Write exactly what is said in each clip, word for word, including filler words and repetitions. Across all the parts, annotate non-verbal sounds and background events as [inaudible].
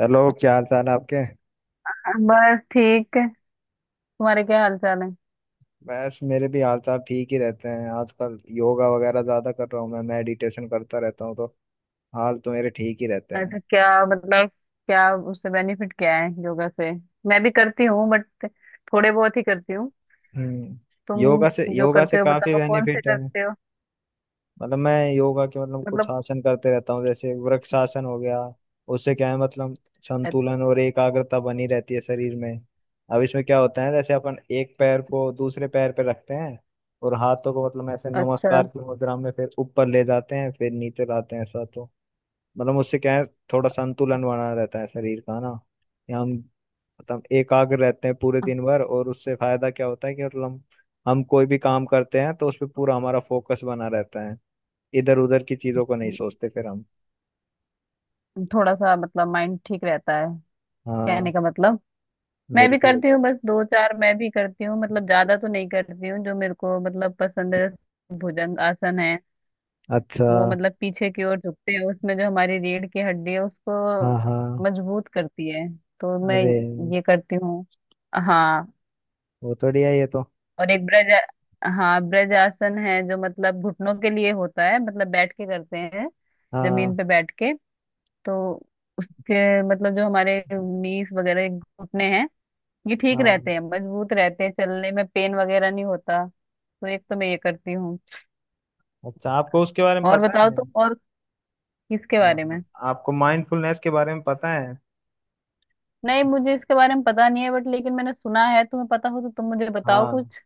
Hello, क्या हाल चाल है आपके। बस ठीक है। तुम्हारे क्या हाल चाल है? बस, मेरे भी हाल चाल ठीक ही रहते हैं। आजकल योगा वगैरह ज्यादा कर रहा हूँ, मैं मेडिटेशन करता रहता हूँ तो हाल तो मेरे ठीक ही रहते हैं। अच्छा, क्या मतलब, क्या उससे बेनिफिट क्या है योगा से? मैं भी करती हूँ बट थोड़े बहुत ही करती हूँ। हम्म। योगा से तुम? जो योगा से करते हो काफी बताओ, कौन से बेनिफिट है। करते हो? मतलब मैं योगा के मतलब कुछ मतलब आसन करते रहता हूँ, जैसे वृक्षासन हो गया। उससे क्या है मतलब अ- संतुलन और एकाग्रता बनी रहती है शरीर में। अब इसमें क्या होता है, जैसे अपन एक पैर को दूसरे पैर पे रखते हैं और हाथों को मतलब ऐसे अच्छा। नमस्कार की मुद्रा में फिर ऊपर ले जाते हैं, फिर नीचे लाते हैं, ऐसा तो। मतलब उससे क्या है, थोड़ा संतुलन बना रहता है शरीर का ना। या हम मतलब एकाग्र रहते हैं पूरे दिन भर, और उससे फायदा क्या होता है कि मतलब हम हम कोई भी काम करते हैं तो उस पर पूरा हमारा फोकस बना रहता है, इधर उधर की चीजों को नहीं सोचते फिर हम। थोड़ा सा मतलब माइंड ठीक रहता है, कहने हाँ, का मतलब। मैं भी बिल्कुल। करती हूँ बस, दो चार मैं भी करती हूँ, मतलब ज्यादा तो नहीं करती हूँ। जो मेरे को मतलब पसंद है भुजंग आसन है। अच्छा। वो मतलब पीछे की ओर झुकते हैं उसमें, जो हमारी रीढ़ की हड्डी है उसको हाँ, हाँ। मजबूत करती है। तो मैं अरे, ये करती हूँ। हाँ। वो तो बढ़िया है ये तो। और एक ब्रज, हाँ ब्रज आसन है जो मतलब घुटनों के लिए होता है, मतलब बैठ के करते हैं, जमीन हाँ, पे बैठ के। तो उसके मतलब जो हमारे नीस वगैरह घुटने हैं ये ठीक हाँ। रहते हैं, मजबूत रहते हैं, चलने में पेन वगैरह नहीं होता, तो एक तो मैं ये करती हूँ। अच्छा, आपको उसके बारे में और पता है? बताओ तुम। और? किसके हाँ, बारे में? हाँ, आपको माइंडफुलनेस के बारे में पता है? नहीं, मुझे इसके बारे में पता नहीं है बट लेकिन मैंने सुना है। तुम्हें पता हो तो तुम मुझे बताओ हाँ। कुछ।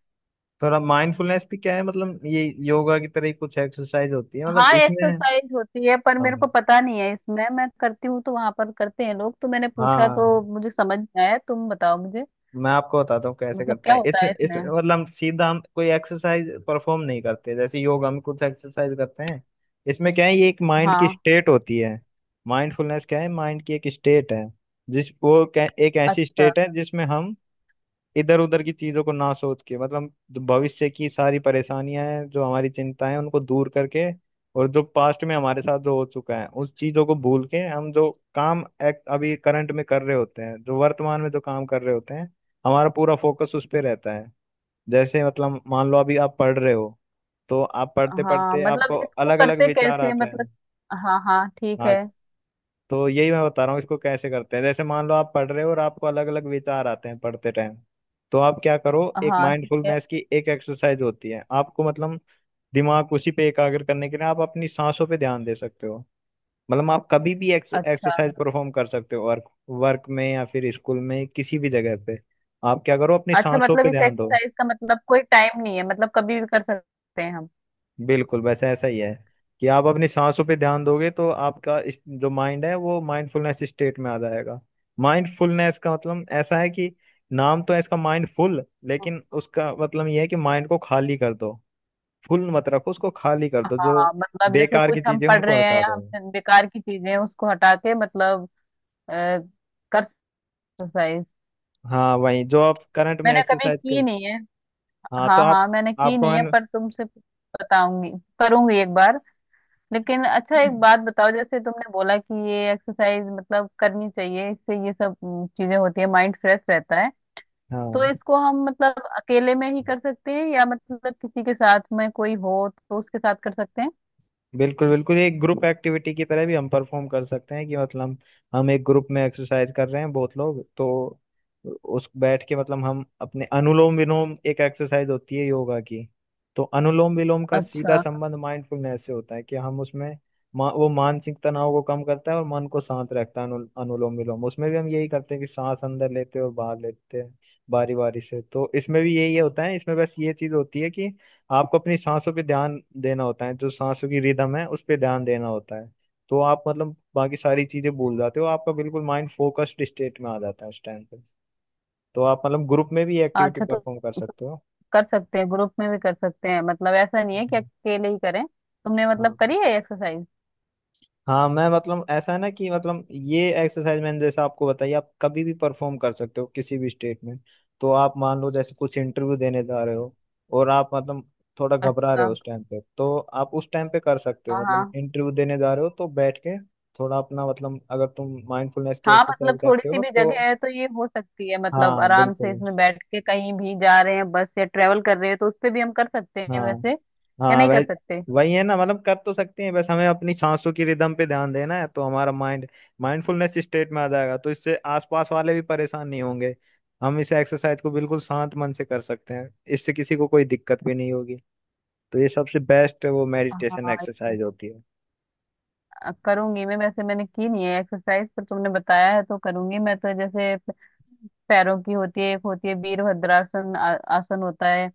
थोड़ा माइंडफुलनेस भी क्या है मतलब ये योगा की तरह ही कुछ एक्सरसाइज होती है, मतलब हाँ, इसमें। एक्सरसाइज होती है पर मेरे हाँ, को पता नहीं है इसमें। मैं करती हूँ तो वहां पर करते हैं लोग, तो मैंने पूछा तो हाँ। मुझे समझ में आया। तुम बताओ मुझे, मैं आपको बताता हूँ कैसे मतलब करते क्या हैं, होता इसमें है इसमें? इसमें मतलब हम सीधा हम कोई एक्सरसाइज परफॉर्म नहीं करते, जैसे योगा में कुछ एक्सरसाइज करते हैं। इसमें क्या है, ये एक माइंड की हाँ। स्टेट होती है। माइंडफुलनेस क्या है, माइंड की एक स्टेट है। जिस वो क्या- एक ऐसी अच्छा। स्टेट है जिसमें हम इधर उधर की चीजों को ना सोच के, मतलब जो भविष्य की सारी परेशानियां हैं जो हमारी चिंताएं हैं उनको दूर करके, और जो पास्ट में हमारे साथ जो हो चुका है उस चीजों को भूल के, हम जो काम एक्ट अभी करंट में कर रहे होते हैं, जो वर्तमान में जो काम कर रहे होते हैं, हमारा पूरा फोकस उस पे रहता है। जैसे मतलब मान लो अभी आप पढ़ रहे हो, तो आप पढ़ते हाँ पढ़ते मतलब आपको इसको अलग अलग करते विचार कैसे हैं? आते मतलब? हैं। हाँ हाँ, ठीक हाँ, है। तो यही मैं बता रहा हूँ, इसको कैसे करते हैं। जैसे मान लो आप पढ़ रहे हो और आपको अलग अलग विचार आते हैं पढ़ते टाइम, तो आप क्या करो, एक हाँ, ठीक है। माइंडफुलनेस की एक एक्सरसाइज होती है, आपको मतलब दिमाग उसी पे एकाग्र करने के लिए आप अपनी सांसों पे ध्यान दे सकते हो। मतलब आप कभी भी अच्छा। एक्सरसाइज परफॉर्म कर सकते हो, वर्क वर्क में या फिर स्कूल में किसी भी जगह पे। आप क्या करो, अपनी अच्छा, सांसों मतलब पे इस ध्यान दो। एक्सरसाइज का मतलब कोई टाइम नहीं है, मतलब कभी भी कर सकते हैं हम? बिल्कुल, बस ऐसा ही है कि आप अपनी सांसों पे ध्यान दोगे तो आपका इस- जो माइंड है वो माइंडफुलनेस स्टेट में आ जाएगा। माइंडफुलनेस का मतलब ऐसा है कि नाम तो है इसका माइंडफुल लेकिन उसका मतलब ये है कि माइंड को खाली कर दो, फुल मत रखो, उसको खाली कर दो। जो हाँ मतलब जैसे बेकार कुछ की हम चीजें हैं, पढ़ उनको रहे हैं हटा या दो। हमसे बेकार की चीजें हैं, उसको हटा के मतलब, अ, कर एक्सरसाइज हाँ, वही जो आप करंट में मैंने कभी एक्सरसाइज कर। की नहीं है। हाँ, तो हाँ हाँ, आप। मैंने की आपको नहीं है मैंने। पर तुमसे बताऊंगी, करूंगी एक बार। लेकिन अच्छा, एक बात बताओ, जैसे तुमने बोला कि ये एक्सरसाइज मतलब करनी चाहिए, इससे ये सब अम, चीजें होती है, माइंड फ्रेश रहता है। तो हाँ, इसको हम मतलब अकेले में ही कर सकते हैं या मतलब किसी के साथ में, कोई हो तो उसके साथ कर सकते हैं? बिल्कुल बिल्कुल एक ग्रुप एक्टिविटी की तरह भी हम परफॉर्म कर सकते हैं कि मतलब हम एक ग्रुप में एक्सरसाइज कर रहे हैं बहुत लोग, तो उस बैठ के मतलब हम अपने अनुलोम विलोम, एक एक्सरसाइज होती है योगा की। तो अनुलोम विलोम का सीधा अच्छा। संबंध माइंडफुलनेस से होता है कि हम उसमें, मा, वो मानसिक तनाव को कम करता है और मन को शांत रखता है। अनु, अनुलोम विलोम, उसमें भी हम यही करते हैं कि सांस अंदर लेते हैं और बाहर लेते हैं बारी बारी से, तो इसमें भी यही होता है। इसमें बस ये चीज होती है कि आपको अपनी सांसों पे ध्यान देना होता है, जो सांसों की रिदम है उस पे ध्यान देना होता है। तो आप मतलब बाकी सारी चीजें भूल जाते हो, आपका बिल्कुल माइंड फोकस्ड स्टेट में आ जाता है उस टाइम पे। तो आप मतलब ग्रुप में भी एक्टिविटी अच्छा, तो परफॉर्म कर सकते हो। कर सकते हैं, ग्रुप में भी कर सकते हैं, मतलब ऐसा नहीं है कि हम्म, अकेले ही करें। तुमने मतलब हाँ। करी है एक्सरसाइज? हाँ, मैं मतलब ऐसा है ना कि मतलब ये एक्सरसाइज मैंने जैसे आपको बताई, आप कभी भी परफॉर्म कर सकते हो किसी भी स्टेट में। तो आप मान लो जैसे कुछ इंटरव्यू देने जा रहे हो और आप मतलब थोड़ा घबरा रहे अच्छा। हो उस टाइम पे, तो आप उस टाइम पे कर सकते हो। हाँ मतलब हाँ। इंटरव्यू देने जा रहे हो तो बैठ के थोड़ा अपना मतलब अगर तुम माइंडफुलनेस की हाँ एक्सरसाइज मतलब थोड़ी करते सी हो भी तो। जगह है तो ये हो सकती है, मतलब हाँ, आराम से बिल्कुल। इसमें बैठ के, कहीं भी जा रहे हैं बस या ट्रेवल कर रहे हैं, तो उस पे भी हम कर सकते हैं हाँ, वैसे या हाँ। नहीं कर वह सकते? वही है ना, मतलब कर तो सकते हैं, बस हमें अपनी सांसों की रिदम पे ध्यान देना है तो हमारा माइंड माइंडफुलनेस स्टेट में आ जाएगा। तो इससे आसपास वाले भी परेशान नहीं होंगे, हम इस एक्सरसाइज को बिल्कुल शांत मन से कर सकते हैं, इससे किसी को कोई दिक्कत भी नहीं होगी। तो ये सबसे बेस्ट वो मेडिटेशन हाँ, ये- एक्सरसाइज होती है। अ, करूंगी मैं। वैसे मैंने की नहीं है एक्सरसाइज पर तुमने बताया है तो करूंगी मैं, तो जैसे पैरों की होती है एक, होती है वीरभद्रासन आ- आसन होता है।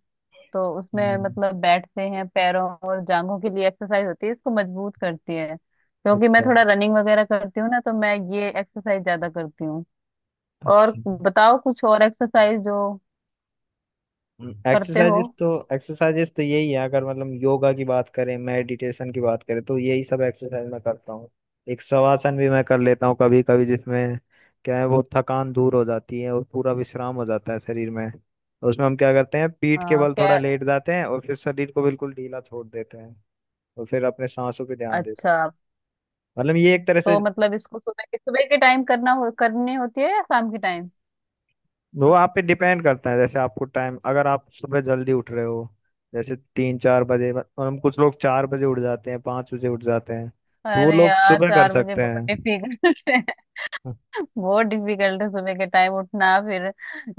तो उसमें हम्म, मतलब बैठते हैं, पैरों और जांघों के लिए एक्सरसाइज होती है, इसको मजबूत करती है, क्योंकि मैं अच्छा। थोड़ा रनिंग वगैरह करती हूँ ना, तो मैं ये एक्सरसाइज ज्यादा करती हूँ। और अच्छा। बताओ कुछ और एक्सरसाइज जो करते हो। एक्सरसाइजेस तो एक्सरसाइजेस तो यही है, अगर मतलब योगा की बात करें मेडिटेशन की बात करें तो यही सब एक्सरसाइज मैं करता हूँ। एक शवासन भी मैं कर लेता हूँ कभी कभी, जिसमें क्या है वो थकान दूर हो जाती है और पूरा विश्राम हो जाता है शरीर में। उसमें हम क्या करते हैं, पीठ के आ, बल थोड़ा क्या? लेट जाते हैं और फिर शरीर को बिल्कुल ढीला छोड़ देते हैं और फिर अपने सांसों पे ध्यान देते अच्छा, हैं, मतलब ये एक तरह से। तो मतलब इसको सुबह के सुबह के टाइम करना हो करनी होती है या शाम के टाइम? वो आप पे डिपेंड करता है, जैसे आपको टाइम, अगर आप सुबह जल्दी उठ रहे हो जैसे तीन चार बजे, और हम कुछ लोग चार बजे उठ जाते हैं, पाँच बजे उठ जाते हैं, तो वो अरे लोग यार, सुबह कर चार बजे सकते बहुत हैं। डिफिकल्ट, बहुत डिफिकल्ट है सुबह के टाइम उठना, फिर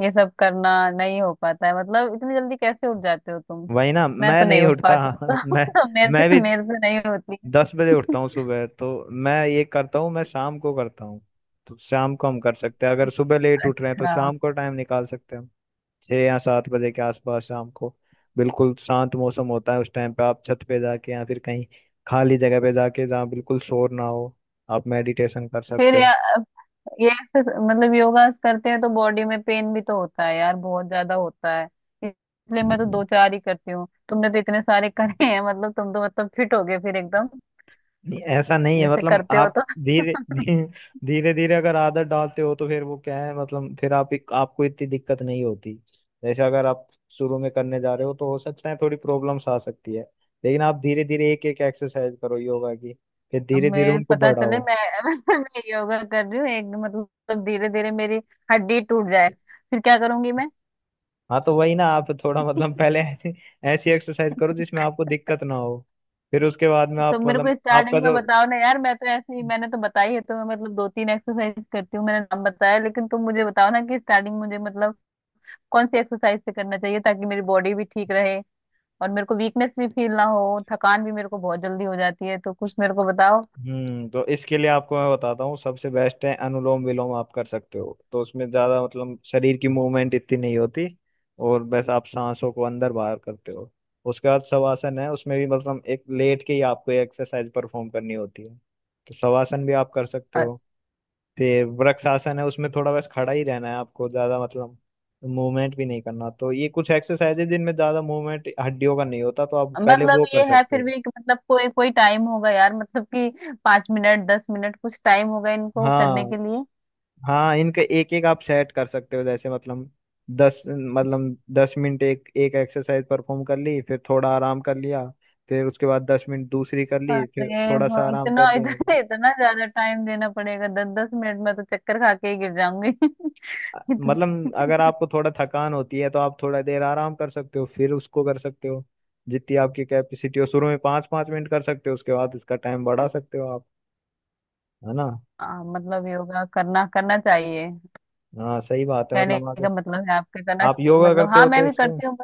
ये सब करना नहीं हो पाता है, मतलब इतनी जल्दी कैसे उठ जाते हो तुम? वही ना, मैं मैं तो नहीं नहीं उठ उठता। पाती हूँ [laughs] तो, [laughs] मैं तो मेरे मैं भी से मेरे से नहीं होती है। दस बजे उठता हूँ [laughs] सुबह तो। मैं ये करता हूँ, मैं शाम को करता हूँ। तो शाम को हम कर सकते हैं, अगर सुबह लेट उठ रहे हैं तो अच्छा। शाम को टाइम निकाल सकते हैं हम। छः या सात बजे के आसपास शाम को बिल्कुल शांत मौसम होता है उस टाइम पे। आप छत पे जाके या फिर कहीं खाली जगह पे जाके, जहाँ बिल्कुल शोर ना हो, आप मेडिटेशन कर फिर सकते या, हो। ये exercise- मतलब योगा करते हैं तो बॉडी में पेन भी तो होता है यार, बहुत ज्यादा होता है। इसलिए मैं तो दो चार ही करती हूँ, तुमने तो इतने सारे [laughs] करे हैं, मतलब तुम तो मतलब फिट हो गए फिर एकदम, नहीं ऐसा नहीं है, जैसे मतलब करते हो आप तो। धीरे धीरे, धीरे धीरे अगर आदत डालते हो तो फिर वो क्या है मतलब फिर आप, आपको इतनी दिक्कत नहीं होती। जैसे अगर आप शुरू में करने जा रहे हो तो हो सकता है थोड़ी प्रॉब्लम्स आ सकती है, लेकिन आप धीरे धीरे एक एक एक्सरसाइज करो योगा की, फिर अब धीरे धीरे मैं, उनको पता चले बढ़ाओ। मैं [laughs] मैं योगा कर रही हूँ एक, मतलब धीरे धीरे मेरी हड्डी टूट जाए फिर क्या करूंगी मैं? हाँ, तो वही ना, आप थोड़ा मतलब पहले ऐसी ऐसी एक्सरसाइज करो जिसमें आपको दिक्कत ना हो, फिर उसके बाद में तो आप मेरे मतलब को आपका स्टार्टिंग में जो। बताओ ना यार, मैं तो ऐसे ही मैंने तो बताई है, तो मैं मतलब दो तीन एक्सरसाइज करती हूँ, मैंने नाम बताया, लेकिन तुम मुझे बताओ ना कि स्टार्टिंग मुझे मतलब कौन सी एक्सरसाइज से करना चाहिए ताकि मेरी बॉडी भी ठीक रहे, और मेरे को वीकनेस भी फील ना हो, थकान भी मेरे को बहुत जल्दी हो जाती है, तो कुछ मेरे को बताओ। हम्म, तो इसके लिए आपको मैं बताता हूँ, सबसे बेस्ट है अनुलोम विलोम, आप कर सकते हो, तो उसमें ज्यादा मतलब शरीर की मूवमेंट इतनी नहीं होती और बस आप सांसों को अंदर बाहर करते हो। उसके बाद शवासन है, उसमें भी मतलब एक लेट के ही आपको एक्सरसाइज परफॉर्म करनी होती है, तो शवासन भी आप कर सकते हो। फिर वृक्ष आसन है, उसमें थोड़ा बस खड़ा ही रहना है आपको, ज्यादा मतलब मूवमेंट भी नहीं करना। तो ये कुछ एक्सरसाइज है जिनमें ज्यादा मूवमेंट हड्डियों का नहीं होता, तो आप पहले वो मतलब कर ये है सकते हो। फिर भी कि मतलब, कोई कोई टाइम होगा यार, मतलब कि पांच मिनट दस मिनट कुछ टाइम होगा इनको करने हाँ, के लिए? हाँ, इनके एक एक आप सेट कर सकते हो, जैसे मतलब दस मतलब दस मिनट एक एक एक्सरसाइज परफॉर्म कर ली, फिर थोड़ा आराम कर लिया, फिर उसके बाद दस मिनट दूसरी कर ली, फिर अरे थोड़ा सा भाई, आराम कर इतना इतना लिया। इतना ज्यादा टाइम देना पड़ेगा? दस दस मिनट में तो चक्कर खा के ही गिर जाऊंगी [laughs] इतने, मतलब अगर आपको थोड़ा थकान होती है तो आप थोड़ा देर आराम कर सकते हो, फिर उसको कर सकते हो, जितनी आपकी कैपेसिटी हो। शुरू में पाँच पाँच मिनट कर सकते हो, उसके बाद इसका टाइम बढ़ा सकते हो आप, है ना। हाँ मतलब योगा करना, करना चाहिए, हाँ सही बात है, कहने मतलब अगर का मतलब है आपके करना आप योगा मतलब। करते हाँ हो मैं तो भी उससे। करती हूँ।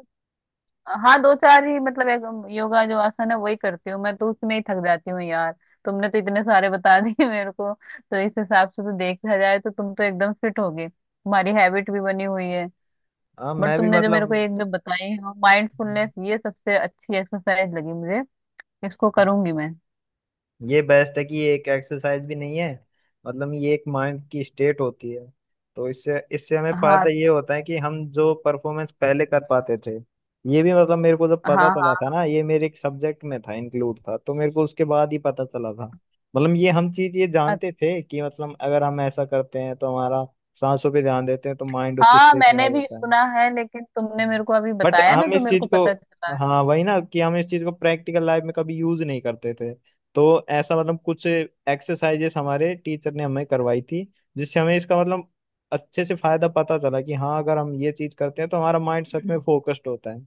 हाँ दो चार ही मतलब, एक योगा जो आसन है वही करती हूँ मैं, तो उसमें ही थक जाती हूँ यार। तुमने तो इतने सारे बता [laughs] दिए मेरे को, तो इस हिसाब से तो देखा जाए तो तुम तो एकदम फिट हो गए, तुम्हारी हैबिट भी बनी हुई है। हाँ, बट मैं भी तुमने जो मेरे मतलब। को एक जो बताई है माइंडफुलनेस, ये सबसे अच्छी एक्सरसाइज लगी मुझे, इसको करूंगी मैं। ये बेस्ट है कि ये एक एक्सरसाइज भी नहीं है, मतलब ये एक माइंड की स्टेट होती है। तो इससे इससे हमें फायदा हाँ ये होता है कि हम जो परफॉर्मेंस पहले कर पाते थे, ये भी मतलब मेरे को जब पता हाँ। चला हाँ। था ना, ये मेरे एक सब्जेक्ट में था, इंक्लूड था, तो मेरे को उसके बाद ही पता चला था। मतलब ये हम चीज ये अ- जानते थे कि मतलब अगर हम ऐसा करते हैं तो हमारा, सांसों पे ध्यान देते हैं तो माइंड उस हाँ स्टेट में आ मैंने भी जाता है। सुना है, लेकिन तुमने मेरे को अभी बट बताया ना हम तो इस मेरे चीज को को, पता चला। हाँ वही ना कि हम इस चीज को प्रैक्टिकल लाइफ में कभी यूज नहीं करते थे। तो ऐसा मतलब कुछ एक्सरसाइजेस हमारे टीचर ने हमें करवाई थी, जिससे हमें इसका मतलब अच्छे से फायदा पता चला कि हाँ, अगर हम ये चीज करते हैं तो हमारा माइंड सच में फोकस्ड होता है।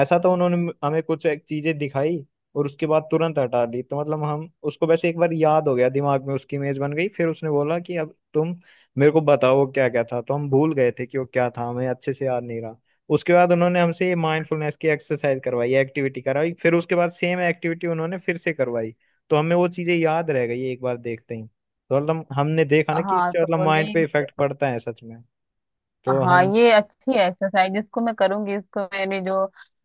ऐसा तो उन्होंने हमें कुछ एक चीजें दिखाई और उसके बाद तुरंत हटा दी, तो मतलब हम उसको वैसे एक बार याद हो गया, दिमाग में उसकी इमेज बन गई, फिर उसने बोला कि अब तुम मेरे को बताओ क्या क्या था, तो हम भूल गए थे कि वो क्या था, हमें अच्छे से याद नहीं रहा। उसके बाद उन्होंने हमसे ये माइंडफुलनेस की एक्सरसाइज करवाई, एक्टिविटी कराई, फिर उसके बाद सेम एक्टिविटी उन्होंने फिर से करवाई, तो हमें वो चीजें याद रह गई एक बार देखते ही, तो मतलब हमने देखा ना कि हाँ, इससे मतलब तो माइंड नहीं। पे इफेक्ट पड़ता है सच में। तो हाँ, हम। ये अच्छी है एक्सरसाइज, इसको मैं करूंगी। इसको मेरी जो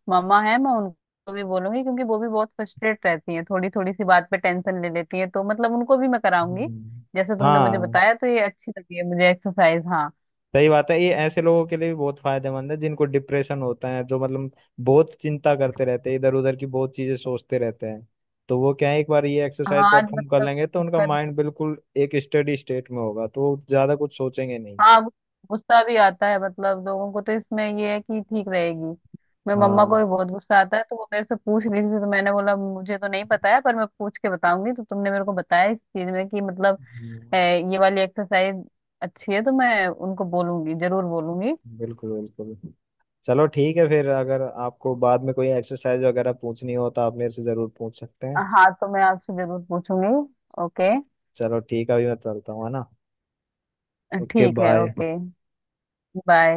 मम्मा है मैं उनको भी बोलूंगी, क्योंकि वो भी बहुत फ्रस्ट्रेट रहती हैं, थोड़ी थोड़ी सी बात पे टेंशन ले लेती हैं, तो मतलब उनको भी मैं कराऊंगी हम्म, जैसे तुमने मुझे हाँ बताया, तो ये अच्छी लगी है मुझे एक्सरसाइज। हाँ। सही बात है, ये ऐसे लोगों के लिए भी बहुत फायदेमंद है जिनको डिप्रेशन होता है, जो मतलब बहुत चिंता करते रहते हैं, इधर उधर की बहुत चीजें सोचते रहते हैं। तो वो क्या है, एक बार ये एक्सरसाइज हाँ आज परफॉर्म कर मतलब लेंगे तो उनका कर माइंड बिल्कुल एक स्टडी स्टेट में होगा तो वो ज्यादा कुछ सोचेंगे नहीं। हाँ, गु- गुस्सा भी आता है मतलब लोगों को, तो इसमें ये है कि ठीक रहेगी। मैं, मम्मा को हाँ। भी बहुत गुस्सा आता है, तो वो मेरे से पूछ रही थी तो मैंने बोला मुझे तो नहीं पता है, पर मैं पूछ के बताऊंगी, तो तुमने मेरे को बताया इस चीज में कि मतलब है हम्म, ये वाली एक्सरसाइज अच्छी है, तो मैं उनको बोलूंगी, जरूर बोलूंगी। बिल्कुल बिल्कुल। चलो ठीक है फिर, अगर आपको बाद में कोई एक्सरसाइज वगैरह पूछनी हो तो आप मेरे से ज़रूर पूछ सकते हैं। हाँ, तो मैं आपसे जरूर पूछूंगी। ओके। चलो ठीक है, अभी मैं चलता हूँ, है ना। ओके, ठीक है। बाय। Okay, bye.